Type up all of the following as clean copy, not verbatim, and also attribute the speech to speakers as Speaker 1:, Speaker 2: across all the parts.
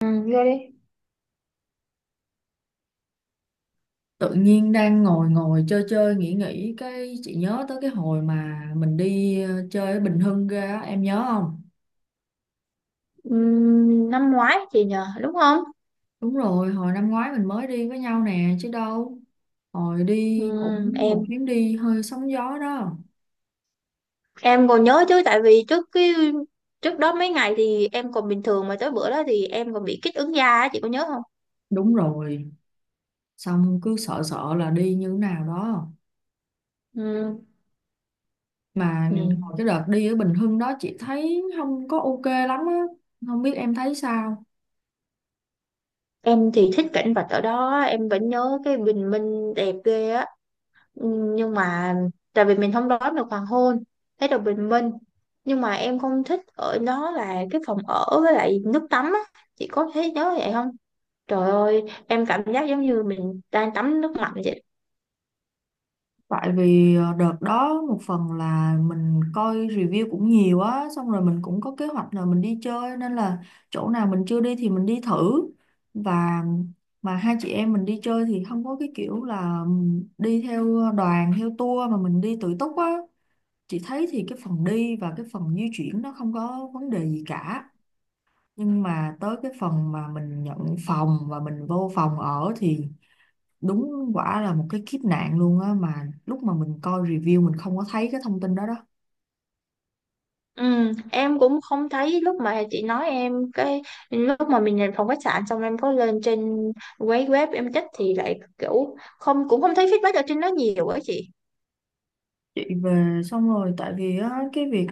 Speaker 1: Ừ, vô đi.
Speaker 2: Tự nhiên đang ngồi ngồi chơi chơi nghĩ nghĩ cái chị nhớ tới cái hồi mà mình đi chơi ở Bình Hưng ra á, em nhớ không?
Speaker 1: Ừ, năm ngoái chị nhờ, đúng không?
Speaker 2: Đúng rồi, hồi năm ngoái mình mới đi với nhau nè chứ đâu. Hồi đi
Speaker 1: Ừ,
Speaker 2: cũng một
Speaker 1: em
Speaker 2: chuyến đi hơi sóng gió đó.
Speaker 1: em còn nhớ chứ tại vì trước đó mấy ngày thì em còn bình thường, mà tới bữa đó thì em còn bị kích ứng da á, chị có nhớ không?
Speaker 2: Đúng rồi, xong cứ sợ sợ là đi như nào đó.
Speaker 1: Ừ.
Speaker 2: Mà
Speaker 1: Ừ.
Speaker 2: hồi cái đợt đi ở Bình Hưng đó chị thấy không có ok lắm á, không biết em thấy sao.
Speaker 1: Em thì thích cảnh vật ở đó, em vẫn nhớ cái bình minh đẹp ghê á. Ừ. Nhưng mà tại vì mình không đón được hoàng hôn, thấy được bình minh. Nhưng mà em không thích ở đó là cái phòng ở với lại nước tắm á. Chị có thấy nhớ vậy không? Trời ơi, em cảm giác giống như mình đang tắm nước lạnh vậy.
Speaker 2: Tại vì đợt đó một phần là mình coi review cũng nhiều á, xong rồi mình cũng có kế hoạch là mình đi chơi nên là chỗ nào mình chưa đi thì mình đi thử. Và mà hai chị em mình đi chơi thì không có cái kiểu là đi theo đoàn, theo tour mà mình đi tự túc á. Chị thấy thì cái phần đi và cái phần di chuyển nó không có vấn đề gì cả. Nhưng mà tới cái phần mà mình nhận phòng và mình vô phòng ở thì đúng quả là một cái kiếp nạn luôn á, mà lúc mà mình coi review mình không có thấy cái thông tin đó đó.
Speaker 1: Ừ, em cũng không thấy lúc mà chị nói em, cái lúc mà mình nhận phòng khách sạn xong em có lên trên quấy web em check thì lại kiểu không, cũng không thấy feedback ở trên đó nhiều á chị.
Speaker 2: Chị về xong rồi, tại vì á cái việc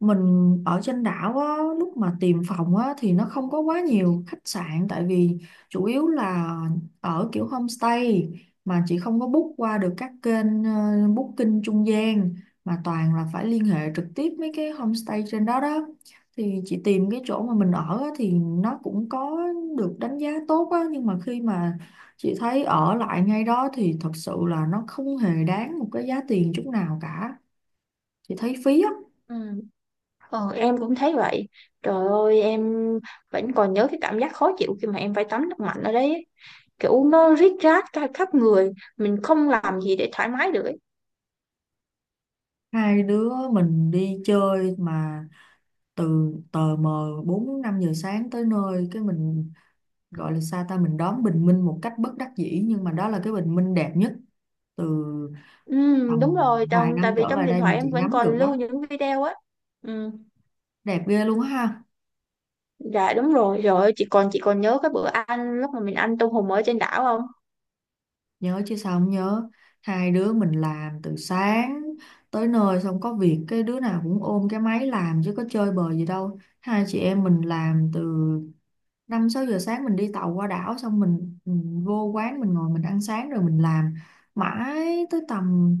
Speaker 2: mình ở trên đảo á, lúc mà tìm phòng á, thì nó không có quá nhiều khách sạn, tại vì chủ yếu là ở kiểu homestay mà chị không có book qua được các kênh booking trung gian mà toàn là phải liên hệ trực tiếp mấy cái homestay trên đó đó. Thì chị tìm cái chỗ mà mình ở á, thì nó cũng có được đánh giá tốt á, nhưng mà khi mà chị thấy ở lại ngay đó thì thật sự là nó không hề đáng một cái giá tiền chút nào cả, chị thấy phí á.
Speaker 1: Ừ, ờ, em cũng thấy vậy. Trời ơi, em vẫn còn nhớ cái cảm giác khó chịu khi mà em phải tắm nước lạnh ở đấy. Kiểu nó rít rát cả khắp người, mình không làm gì để thoải mái được ấy.
Speaker 2: Hai đứa mình đi chơi mà từ tờ mờ bốn năm giờ sáng tới nơi cái mình gọi là sao ta, mình đón bình minh một cách bất đắc dĩ nhưng mà đó là cái bình minh đẹp nhất từ
Speaker 1: Ừ,
Speaker 2: tầm
Speaker 1: đúng rồi,
Speaker 2: vài
Speaker 1: trong, tại
Speaker 2: năm
Speaker 1: vì
Speaker 2: trở
Speaker 1: trong
Speaker 2: lại
Speaker 1: điện
Speaker 2: đây mà
Speaker 1: thoại em
Speaker 2: chị
Speaker 1: vẫn
Speaker 2: ngắm được
Speaker 1: còn
Speaker 2: á,
Speaker 1: lưu những video á. Ừ,
Speaker 2: đẹp ghê luôn á ha.
Speaker 1: dạ đúng rồi, rồi chị còn nhớ cái bữa ăn lúc mà mình ăn tôm hùm ở trên đảo không?
Speaker 2: Nhớ chứ sao không nhớ, hai đứa mình làm từ sáng tới nơi xong có việc cái đứa nào cũng ôm cái máy làm chứ có chơi bời gì đâu. Hai chị em mình làm từ năm sáu giờ sáng mình đi tàu qua đảo, xong mình vô quán mình ngồi mình ăn sáng rồi mình làm mãi tới tầm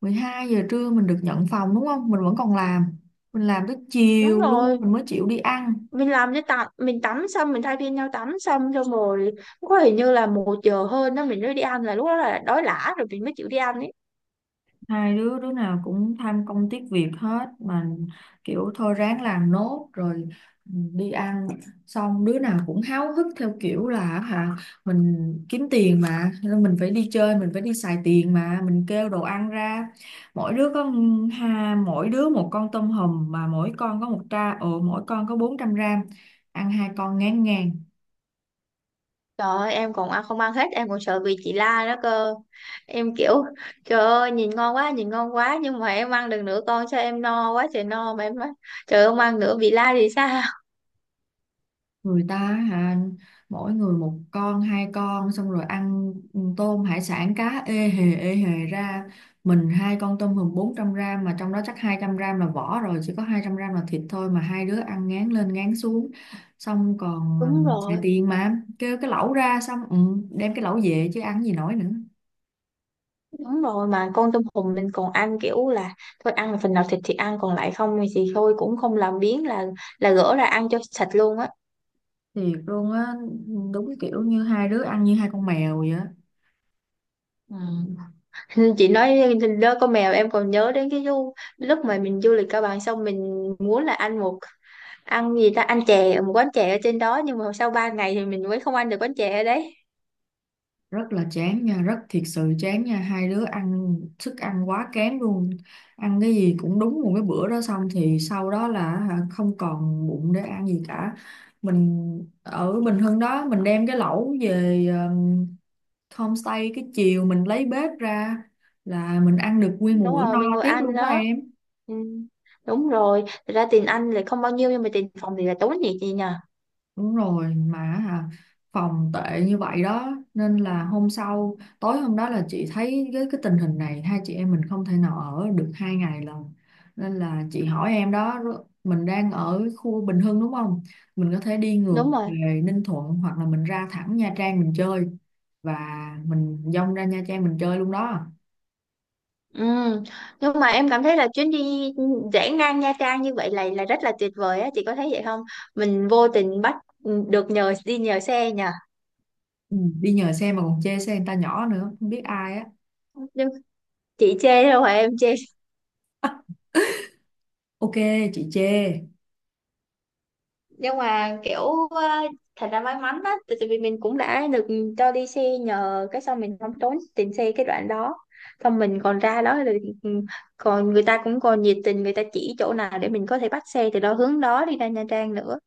Speaker 2: 12 giờ trưa mình được nhận phòng đúng không, mình vẫn còn làm, mình làm tới
Speaker 1: Đúng
Speaker 2: chiều luôn
Speaker 1: rồi,
Speaker 2: mình mới chịu đi ăn.
Speaker 1: mình làm cái tắm, mình tắm xong mình thay phiên nhau tắm xong xong rồi có hình như là 1 giờ hơn đó mình mới đi ăn, là lúc đó là đói lả rồi mình mới chịu đi ăn ấy.
Speaker 2: Hai đứa đứa nào cũng tham công tiếc việc hết mà, kiểu thôi ráng làm nốt rồi đi ăn. Xong đứa nào cũng háo hức theo kiểu là hả, mình kiếm tiền mà nên mình phải đi chơi, mình phải đi xài tiền. Mà mình kêu đồ ăn ra mỗi đứa có ha, mỗi đứa một con tôm hùm mà mỗi con có một tra ừ mỗi con có 400 gram, ăn hai con ngán ngàn.
Speaker 1: Trời ơi, em còn ăn không ăn hết, em còn sợ bị chị la đó cơ. Em kiểu trời ơi nhìn ngon quá, nhìn ngon quá, nhưng mà em ăn được nửa con sao em no quá trời no mà em nói trời ơi, không ăn nữa bị la thì sao?
Speaker 2: Người ta á hả, mỗi người một con hai con xong rồi ăn tôm hải sản cá ê hề ra. Mình hai con tôm hùm 400 gram mà trong đó chắc 200 gram là vỏ rồi, chỉ có 200 gram là thịt thôi mà hai đứa ăn ngán lên ngán xuống. Xong còn
Speaker 1: Đúng
Speaker 2: xài
Speaker 1: rồi,
Speaker 2: tiền mà kêu cái lẩu ra xong đem cái lẩu về chứ ăn gì nổi nữa.
Speaker 1: đúng rồi mà con tôm hùm mình còn ăn kiểu là thôi ăn phần nào thịt thì ăn, còn lại không thì thôi, cũng không làm biếng là gỡ ra ăn cho sạch luôn á.
Speaker 2: Thiệt luôn á, đúng kiểu như hai đứa ăn như hai con mèo vậy.
Speaker 1: Ừ. Chị nói đó con mèo, em còn nhớ đến cái du lúc mà mình du lịch Cao Bằng, xong mình muốn là ăn gì ta, ăn chè ở một quán chè ở trên đó, nhưng mà sau 3 ngày thì mình mới không ăn được quán chè ở đấy.
Speaker 2: Rất là chán nha, rất thiệt sự chán nha, hai đứa ăn thức ăn quá kém luôn, ăn cái gì cũng đúng một cái bữa đó xong thì sau đó là hả, không còn bụng để ăn gì cả. Mình ở Bình Hưng đó mình đem cái lẩu về homestay, cái chiều mình lấy bếp ra là mình ăn được nguyên một
Speaker 1: Đúng
Speaker 2: bữa
Speaker 1: rồi,
Speaker 2: no
Speaker 1: mình ngồi
Speaker 2: tiếp
Speaker 1: ăn
Speaker 2: luôn đó
Speaker 1: đó.
Speaker 2: em.
Speaker 1: Ừ. Đúng rồi, thật ra tiền ăn là không bao nhiêu nhưng mà tiền phòng thì là tốn nhiều chị nhờ.
Speaker 2: Đúng rồi mà hả, phòng tệ như vậy đó nên là hôm sau, tối hôm đó là chị thấy với cái tình hình này hai chị em mình không thể nào ở được 2 ngày lần, nên là chị hỏi em đó mình đang ở khu Bình Hưng đúng không, mình có thể đi ngược
Speaker 1: Đúng rồi.
Speaker 2: về Ninh Thuận hoặc là mình ra thẳng Nha Trang mình chơi. Và mình dông ra Nha Trang mình chơi luôn đó.
Speaker 1: Ừ. Nhưng mà em cảm thấy là chuyến đi rẽ ngang Nha Trang như vậy là rất là tuyệt vời á, chị có thấy vậy không? Mình vô tình bắt được nhờ, đi nhờ xe nhờ.
Speaker 2: Ừ, đi nhờ xe mà còn chê xe người ta nhỏ nữa, không biết ai á.
Speaker 1: Nhưng chị chê đâu phải em chê.
Speaker 2: Ok, chị chê.
Speaker 1: Nhưng mà kiểu ờ, thật ra may mắn á, tại tại vì mình cũng đã được cho đi xe nhờ, cái xong mình không tốn tiền xe cái đoạn đó, xong mình còn ra đó rồi ừ, còn người ta cũng còn nhiệt tình, người ta chỉ chỗ nào để mình có thể bắt xe từ đó hướng đó đi ra Nha Trang nữa.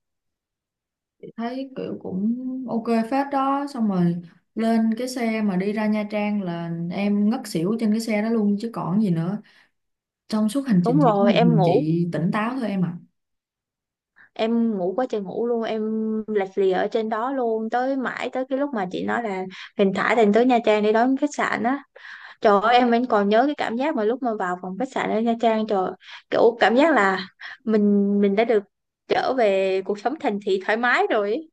Speaker 2: Thấy kiểu cũng ok phết đó, xong rồi lên cái xe mà đi ra Nha Trang là em ngất xỉu trên cái xe đó luôn chứ còn gì nữa, trong suốt hành
Speaker 1: Đúng
Speaker 2: trình chỉ có
Speaker 1: rồi,
Speaker 2: một
Speaker 1: em
Speaker 2: mình
Speaker 1: ngủ
Speaker 2: chị tỉnh táo thôi em ạ.
Speaker 1: em ngủ quá trời ngủ luôn, em lạch lì ở trên đó luôn mãi tới cái lúc mà chị nói là mình thả Thành tới Nha Trang để đón khách sạn á. Trời ơi, em vẫn còn nhớ cái cảm giác mà lúc mà vào phòng khách sạn ở Nha Trang, trời ơi, kiểu cảm giác là mình đã được trở về cuộc sống thành thị thoải mái rồi ấy.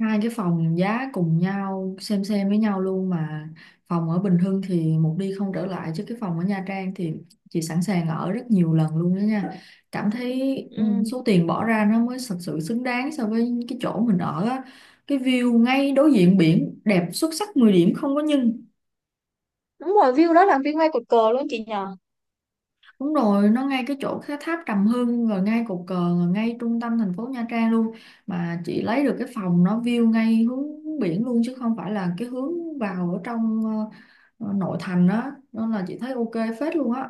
Speaker 2: Hai cái phòng giá cùng nhau, xem với nhau luôn mà phòng ở Bình Hưng thì một đi không trở lại, chứ cái phòng ở Nha Trang thì chị sẵn sàng ở rất nhiều lần luôn đó nha. Cảm thấy
Speaker 1: Ừ.
Speaker 2: số tiền bỏ ra nó mới thật sự xứng đáng so với cái chỗ mình ở á. Cái view ngay đối diện biển đẹp xuất sắc 10 điểm không có nhưng.
Speaker 1: Đúng rồi, view đó là view ngay cột cờ luôn chị nhờ.
Speaker 2: Đúng rồi, nó ngay cái chỗ cái tháp Trầm Hương, rồi ngay cột cờ, rồi ngay trung tâm thành phố Nha Trang luôn. Mà chị lấy được cái phòng nó view ngay hướng biển luôn chứ không phải là cái hướng vào ở trong nội thành á, nên là chị thấy ok phết luôn á.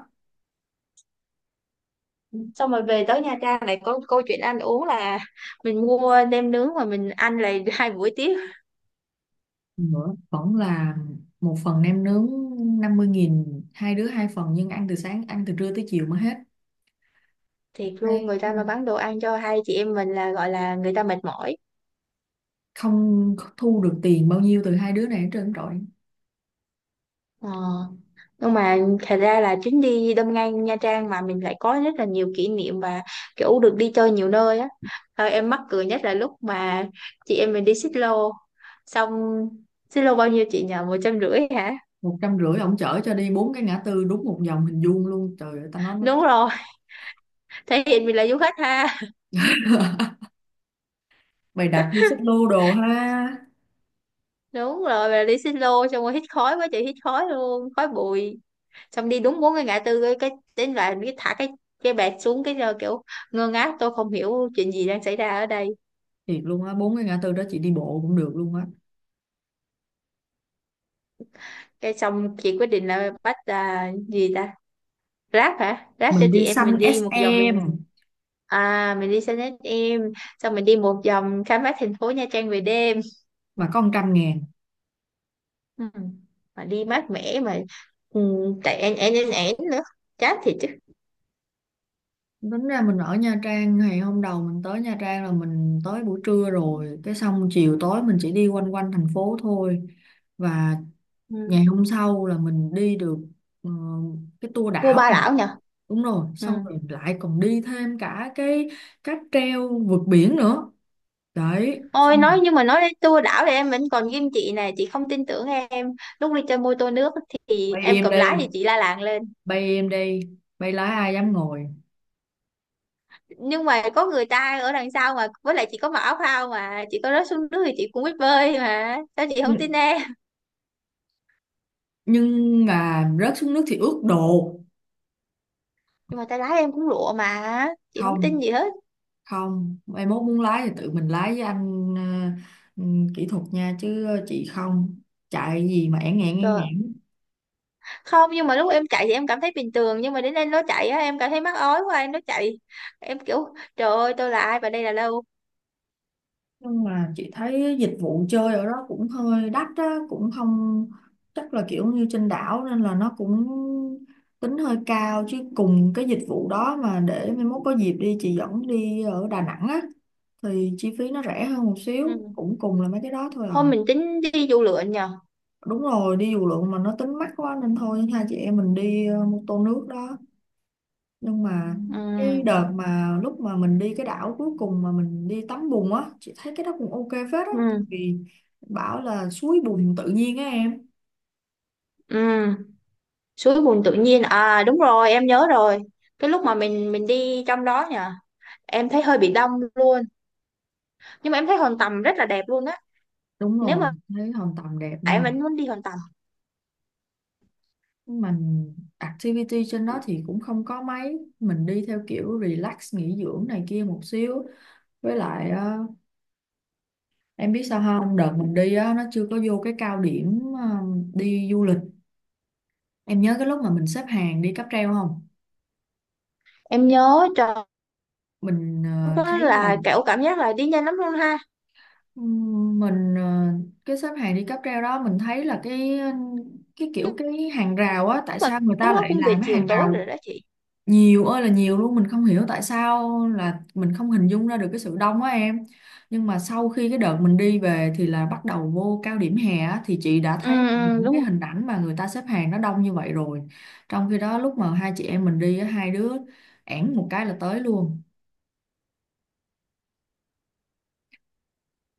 Speaker 1: Xong rồi về tới Nha Trang lại có câu chuyện ăn uống là mình mua nem nướng mà mình ăn lại 2 buổi tiếp.
Speaker 2: Nữa vẫn là một phần nem nướng 50.000, hai đứa hai phần nhưng ăn từ sáng ăn từ trưa tới chiều mới hết.
Speaker 1: Thiệt luôn,
Speaker 2: Thấy
Speaker 1: người ta mà bán đồ ăn cho hai chị em mình là gọi là người ta mệt mỏi
Speaker 2: không thu được tiền bao nhiêu từ hai đứa này hết trơn trọi.
Speaker 1: ờ. Nhưng mà thật ra là chuyến đi đâm ngang Nha Trang mà mình lại có rất là nhiều kỷ niệm và kiểu được đi chơi nhiều nơi á. Thôi em mắc cười nhất là lúc mà chị em mình đi xích lô xong, xích lô bao nhiêu chị nhờ, 150 hả?
Speaker 2: 150 ổng chở cho đi bốn cái ngã tư đúng một vòng hình vuông luôn, trời ơi ta nói nó
Speaker 1: Đúng
Speaker 2: tức.
Speaker 1: rồi, thể hiện mình là du khách ha.
Speaker 2: Bày đặt đi xích lô đồ ha.
Speaker 1: Đúng rồi, mà đi xích lô xong rồi hít khói quá trời hít khói luôn khói bụi, xong đi đúng bốn cái ngã tư, cái đến đoạn cái thả cái bẹt xuống cái giờ kiểu ngơ ngác tôi không hiểu chuyện gì đang xảy ra ở đây.
Speaker 2: Thiệt luôn á, bốn cái ngã tư đó chị đi bộ cũng được luôn á.
Speaker 1: Cái xong chị quyết định là bắt à, gì ta, Grab hả, Grab cho
Speaker 2: Mình
Speaker 1: chị
Speaker 2: đi
Speaker 1: em mình
Speaker 2: xanh
Speaker 1: đi một
Speaker 2: SM
Speaker 1: vòng. À mình đi xe nét em. Xong mình đi một vòng khám phá thành phố Nha Trang về đêm.
Speaker 2: mà có 100.000.
Speaker 1: Ừ. Mà đi mát mẻ mà. Ừ, tại én én én én nữa, chát thiệt chứ.
Speaker 2: Tính ra mình ở Nha Trang ngày hôm đầu mình tới Nha Trang là mình tới buổi trưa rồi, cái xong chiều tối mình chỉ đi quanh quanh thành phố thôi. Và
Speaker 1: Ừ.
Speaker 2: ngày hôm sau là mình đi được ờ, cái tour
Speaker 1: Vô
Speaker 2: đảo
Speaker 1: Ba
Speaker 2: này.
Speaker 1: Lão nhờ.
Speaker 2: Đúng rồi,
Speaker 1: Ừ.
Speaker 2: xong rồi lại còn đi thêm cả cái cáp treo vượt biển nữa đấy
Speaker 1: Ôi
Speaker 2: xong.
Speaker 1: nói nhưng mà nói đến tour đảo thì em vẫn còn ghim chị này, chị không tin tưởng em lúc đi chơi mô tô nước, thì
Speaker 2: Bay
Speaker 1: em
Speaker 2: im
Speaker 1: cầm lái thì
Speaker 2: đi,
Speaker 1: chị la làng lên.
Speaker 2: bay im đi, bay lái ai dám ngồi.
Speaker 1: Nhưng mà có người ta ở đằng sau mà, với lại chị có mặc áo phao mà, chị có rớt xuống nước thì chị cũng biết bơi mà, sao chị không
Speaker 2: nhưng,
Speaker 1: tin em?
Speaker 2: nhưng mà rớt xuống nước thì ướt đồ.
Speaker 1: Nhưng mà tay lái em cũng lụa mà chị không tin
Speaker 2: Không,
Speaker 1: gì hết.
Speaker 2: không, mai mốt muốn lái thì tự mình lái với anh ờ, ừ, kỹ thuật nha, chứ chị không, chạy gì mà ẻn ngẹn ẻn
Speaker 1: Rồi
Speaker 2: ngẹn.
Speaker 1: không, nhưng mà lúc em chạy thì em cảm thấy bình thường, nhưng mà đến đây nó chạy á, em cảm thấy mắc ói quá, em nó chạy, em kiểu trời ơi tôi là ai và đây là đâu.
Speaker 2: Nhưng mà chị thấy dịch vụ chơi ở đó cũng hơi đắt á, cũng không chắc là kiểu như trên đảo nên là nó cũng tính hơi cao, chứ cùng cái dịch vụ đó mà để mai mốt có dịp đi chị dẫn đi ở Đà Nẵng á thì chi phí nó rẻ hơn một
Speaker 1: Ừ.
Speaker 2: xíu cũng cùng là mấy cái đó thôi à.
Speaker 1: Hôm mình tính đi du lượn nhờ.
Speaker 2: Đúng rồi, đi dù lượn mà nó tính mắc quá nên thôi hai chị em mình đi mô tô nước đó. Nhưng mà cái
Speaker 1: Ừ.
Speaker 2: đợt mà lúc mà mình đi cái đảo cuối cùng mà mình đi tắm bùn á chị thấy cái đó cũng ok phết á, tại
Speaker 1: Ừ.
Speaker 2: vì bảo là suối bùn tự nhiên á em.
Speaker 1: Ừ. Suối bùn tự nhiên à, đúng rồi em nhớ rồi, cái lúc mà mình đi trong đó nhỉ, em thấy hơi bị đông luôn, nhưng mà em thấy hòn tầm rất là đẹp luôn á.
Speaker 2: Đúng
Speaker 1: Nếu
Speaker 2: rồi,
Speaker 1: mà
Speaker 2: thấy Hòn Tầm đẹp
Speaker 1: em
Speaker 2: nha.
Speaker 1: vẫn muốn đi hòn tầm.
Speaker 2: Nhưng mà activity trên đó thì cũng không có mấy, mình đi theo kiểu relax nghỉ dưỡng này kia một xíu. Với lại em biết sao không, đợt mình đi á nó chưa có vô cái cao điểm đi du lịch. Em nhớ cái lúc mà mình xếp hàng đi cáp treo không,
Speaker 1: Em nhớ trời,
Speaker 2: mình
Speaker 1: lúc đó
Speaker 2: thấy là
Speaker 1: là kiểu cảm giác là đi nhanh lắm luôn ha.
Speaker 2: Mình cái xếp hàng đi cáp treo đó mình thấy là cái kiểu
Speaker 1: Nhưng
Speaker 2: cái hàng rào á, tại
Speaker 1: mà
Speaker 2: sao người ta
Speaker 1: lúc đó
Speaker 2: lại
Speaker 1: cũng về
Speaker 2: làm cái
Speaker 1: chiều
Speaker 2: hàng
Speaker 1: tối
Speaker 2: rào
Speaker 1: rồi đó chị.
Speaker 2: nhiều ơi là nhiều luôn, mình không hiểu tại sao là mình không hình dung ra được cái sự đông á em. Nhưng mà sau khi cái đợt mình đi về thì là bắt đầu vô cao điểm hè á, thì chị đã
Speaker 1: Ừ.
Speaker 2: thấy
Speaker 1: Ừ,
Speaker 2: những
Speaker 1: đúng
Speaker 2: cái
Speaker 1: rồi.
Speaker 2: hình ảnh mà người ta xếp hàng nó đông như vậy rồi. Trong khi đó lúc mà hai chị em mình đi á, hai đứa ẻn một cái là tới luôn.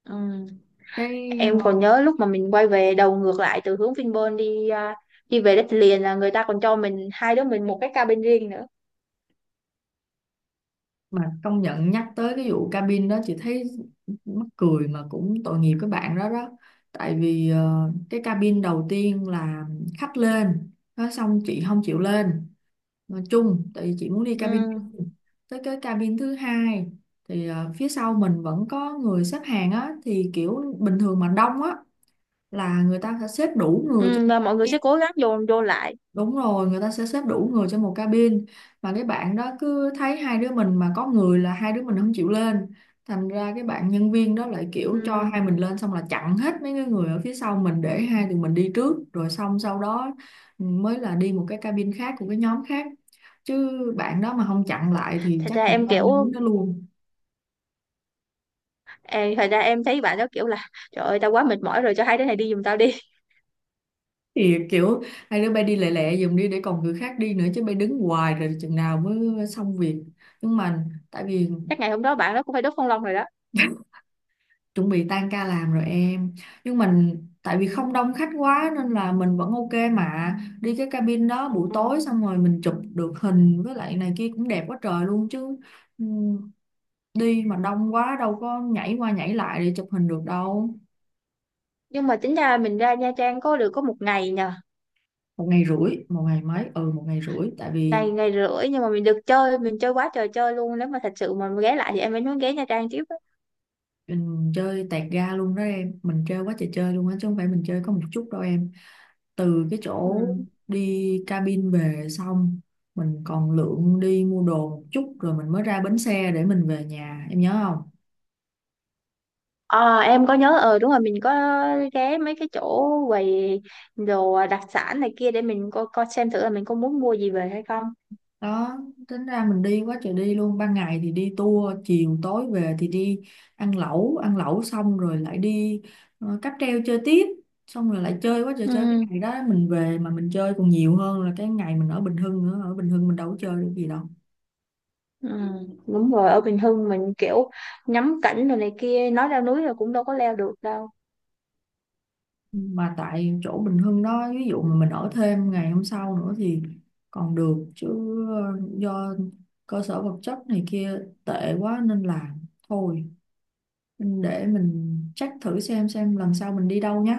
Speaker 1: Ừ.
Speaker 2: cái
Speaker 1: Em
Speaker 2: ờ,
Speaker 1: còn nhớ lúc mà mình quay về đầu ngược lại từ hướng Vinpearl đi à, đi về đất liền là người ta còn cho mình, hai đứa mình, một cái cabin riêng nữa.
Speaker 2: mà công nhận nhắc tới cái vụ cabin đó chị thấy mắc cười mà cũng tội nghiệp các bạn đó đó. Tại vì cái cabin đầu tiên là khách lên nó xong chị không chịu lên, nói chung tại vì chị muốn đi cabin
Speaker 1: Ừ.
Speaker 2: riêng. Tới cái cabin thứ hai thì phía sau mình vẫn có người xếp hàng á, thì kiểu bình thường mà đông á là người ta sẽ xếp đủ người
Speaker 1: Ừ,
Speaker 2: cho.
Speaker 1: và mọi người sẽ cố gắng dồn vô lại.
Speaker 2: Đúng rồi, người ta sẽ xếp đủ người trong một cabin mà cái bạn đó cứ thấy hai đứa mình mà có người là hai đứa mình không chịu lên. Thành ra cái bạn nhân viên đó lại kiểu cho
Speaker 1: Ừ.
Speaker 2: hai mình lên xong là chặn hết mấy cái người ở phía sau mình để hai tụi mình đi trước, rồi xong sau đó mới là đi một cái cabin khác của cái nhóm khác. Chứ bạn đó mà không chặn lại thì
Speaker 1: Thật
Speaker 2: chắc
Speaker 1: ra
Speaker 2: chị
Speaker 1: em
Speaker 2: Lan
Speaker 1: kiểu,
Speaker 2: đứng đó luôn.
Speaker 1: em thật ra em thấy bạn đó kiểu là trời ơi tao quá mệt mỏi rồi cho hai đứa này đi giùm tao đi.
Speaker 2: Thì kiểu hai đứa bay đi lẹ lẹ dùm đi để còn người khác đi nữa, chứ bay đứng hoài rồi chừng nào mới xong việc. Nhưng mà tại vì
Speaker 1: Chắc ngày hôm đó bạn đó cũng phải đốt phong long rồi đó.
Speaker 2: chuẩn bị tan ca làm rồi em, nhưng mình tại vì
Speaker 1: Ừ.
Speaker 2: không đông khách quá nên là mình vẫn ok mà đi cái cabin đó buổi tối, xong rồi mình chụp được hình với lại này kia cũng đẹp quá trời luôn chứ. Ừm, Đi mà đông quá đâu có nhảy qua nhảy lại để chụp hình được đâu.
Speaker 1: Nhưng mà tính ra mình ra Nha Trang có được 1 ngày nhờ.
Speaker 2: Một ngày rưỡi, một ngày mấy, ừ một ngày rưỡi, tại vì
Speaker 1: Ngày ngày rưỡi nhưng mà mình được chơi, mình chơi quá trời chơi luôn, nếu mà thật sự mà ghé lại thì em vẫn muốn ghé Nha Trang tiếp á.
Speaker 2: mình chơi tẹt ga luôn đó em, mình chơi quá trời chơi luôn á chứ không phải mình chơi có một chút đâu em. Từ cái chỗ
Speaker 1: Ừ.
Speaker 2: đi cabin về xong mình còn lượn đi mua đồ một chút rồi mình mới ra bến xe để mình về nhà em nhớ không.
Speaker 1: Ờ em có nhớ, ờ đúng rồi, mình có ghé mấy cái chỗ quầy đồ đặc sản này kia để mình coi coi xem thử là mình có muốn mua gì về hay không.
Speaker 2: Đó, tính ra mình đi quá trời đi luôn, ban ngày thì đi tour, chiều tối về thì đi ăn lẩu, ăn lẩu xong rồi lại đi cáp treo chơi tiếp, xong rồi lại chơi quá trời chơi. Cái
Speaker 1: Ừ.
Speaker 2: ngày đó mình về mà mình chơi còn nhiều hơn là cái ngày mình ở Bình Hưng nữa, ở Bình Hưng mình đâu có chơi được gì đâu.
Speaker 1: Ừ, đúng rồi, ở Bình Hưng mình kiểu ngắm cảnh rồi này kia, nói leo núi là cũng đâu có leo được đâu.
Speaker 2: Mà tại chỗ Bình Hưng đó ví dụ mà mình ở thêm ngày hôm sau nữa thì còn được chứ, do cơ sở vật chất này kia tệ quá nên là thôi. Mình để mình check thử xem lần sau mình đi đâu nhé.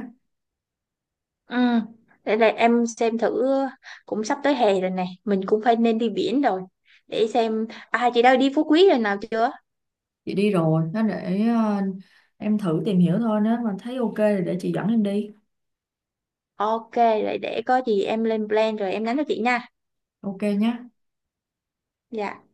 Speaker 1: Ừ, để là em xem thử, cũng sắp tới hè rồi nè, mình cũng phải nên đi biển rồi, để xem. À chị đã đi Phú Quý rồi nào chưa?
Speaker 2: Chị đi rồi nó, để em thử tìm hiểu thôi, nếu mà thấy ok thì để chị dẫn em đi.
Speaker 1: OK, vậy để có gì em lên plan rồi em nhắn cho chị nha.
Speaker 2: Ok nhé.
Speaker 1: Dạ.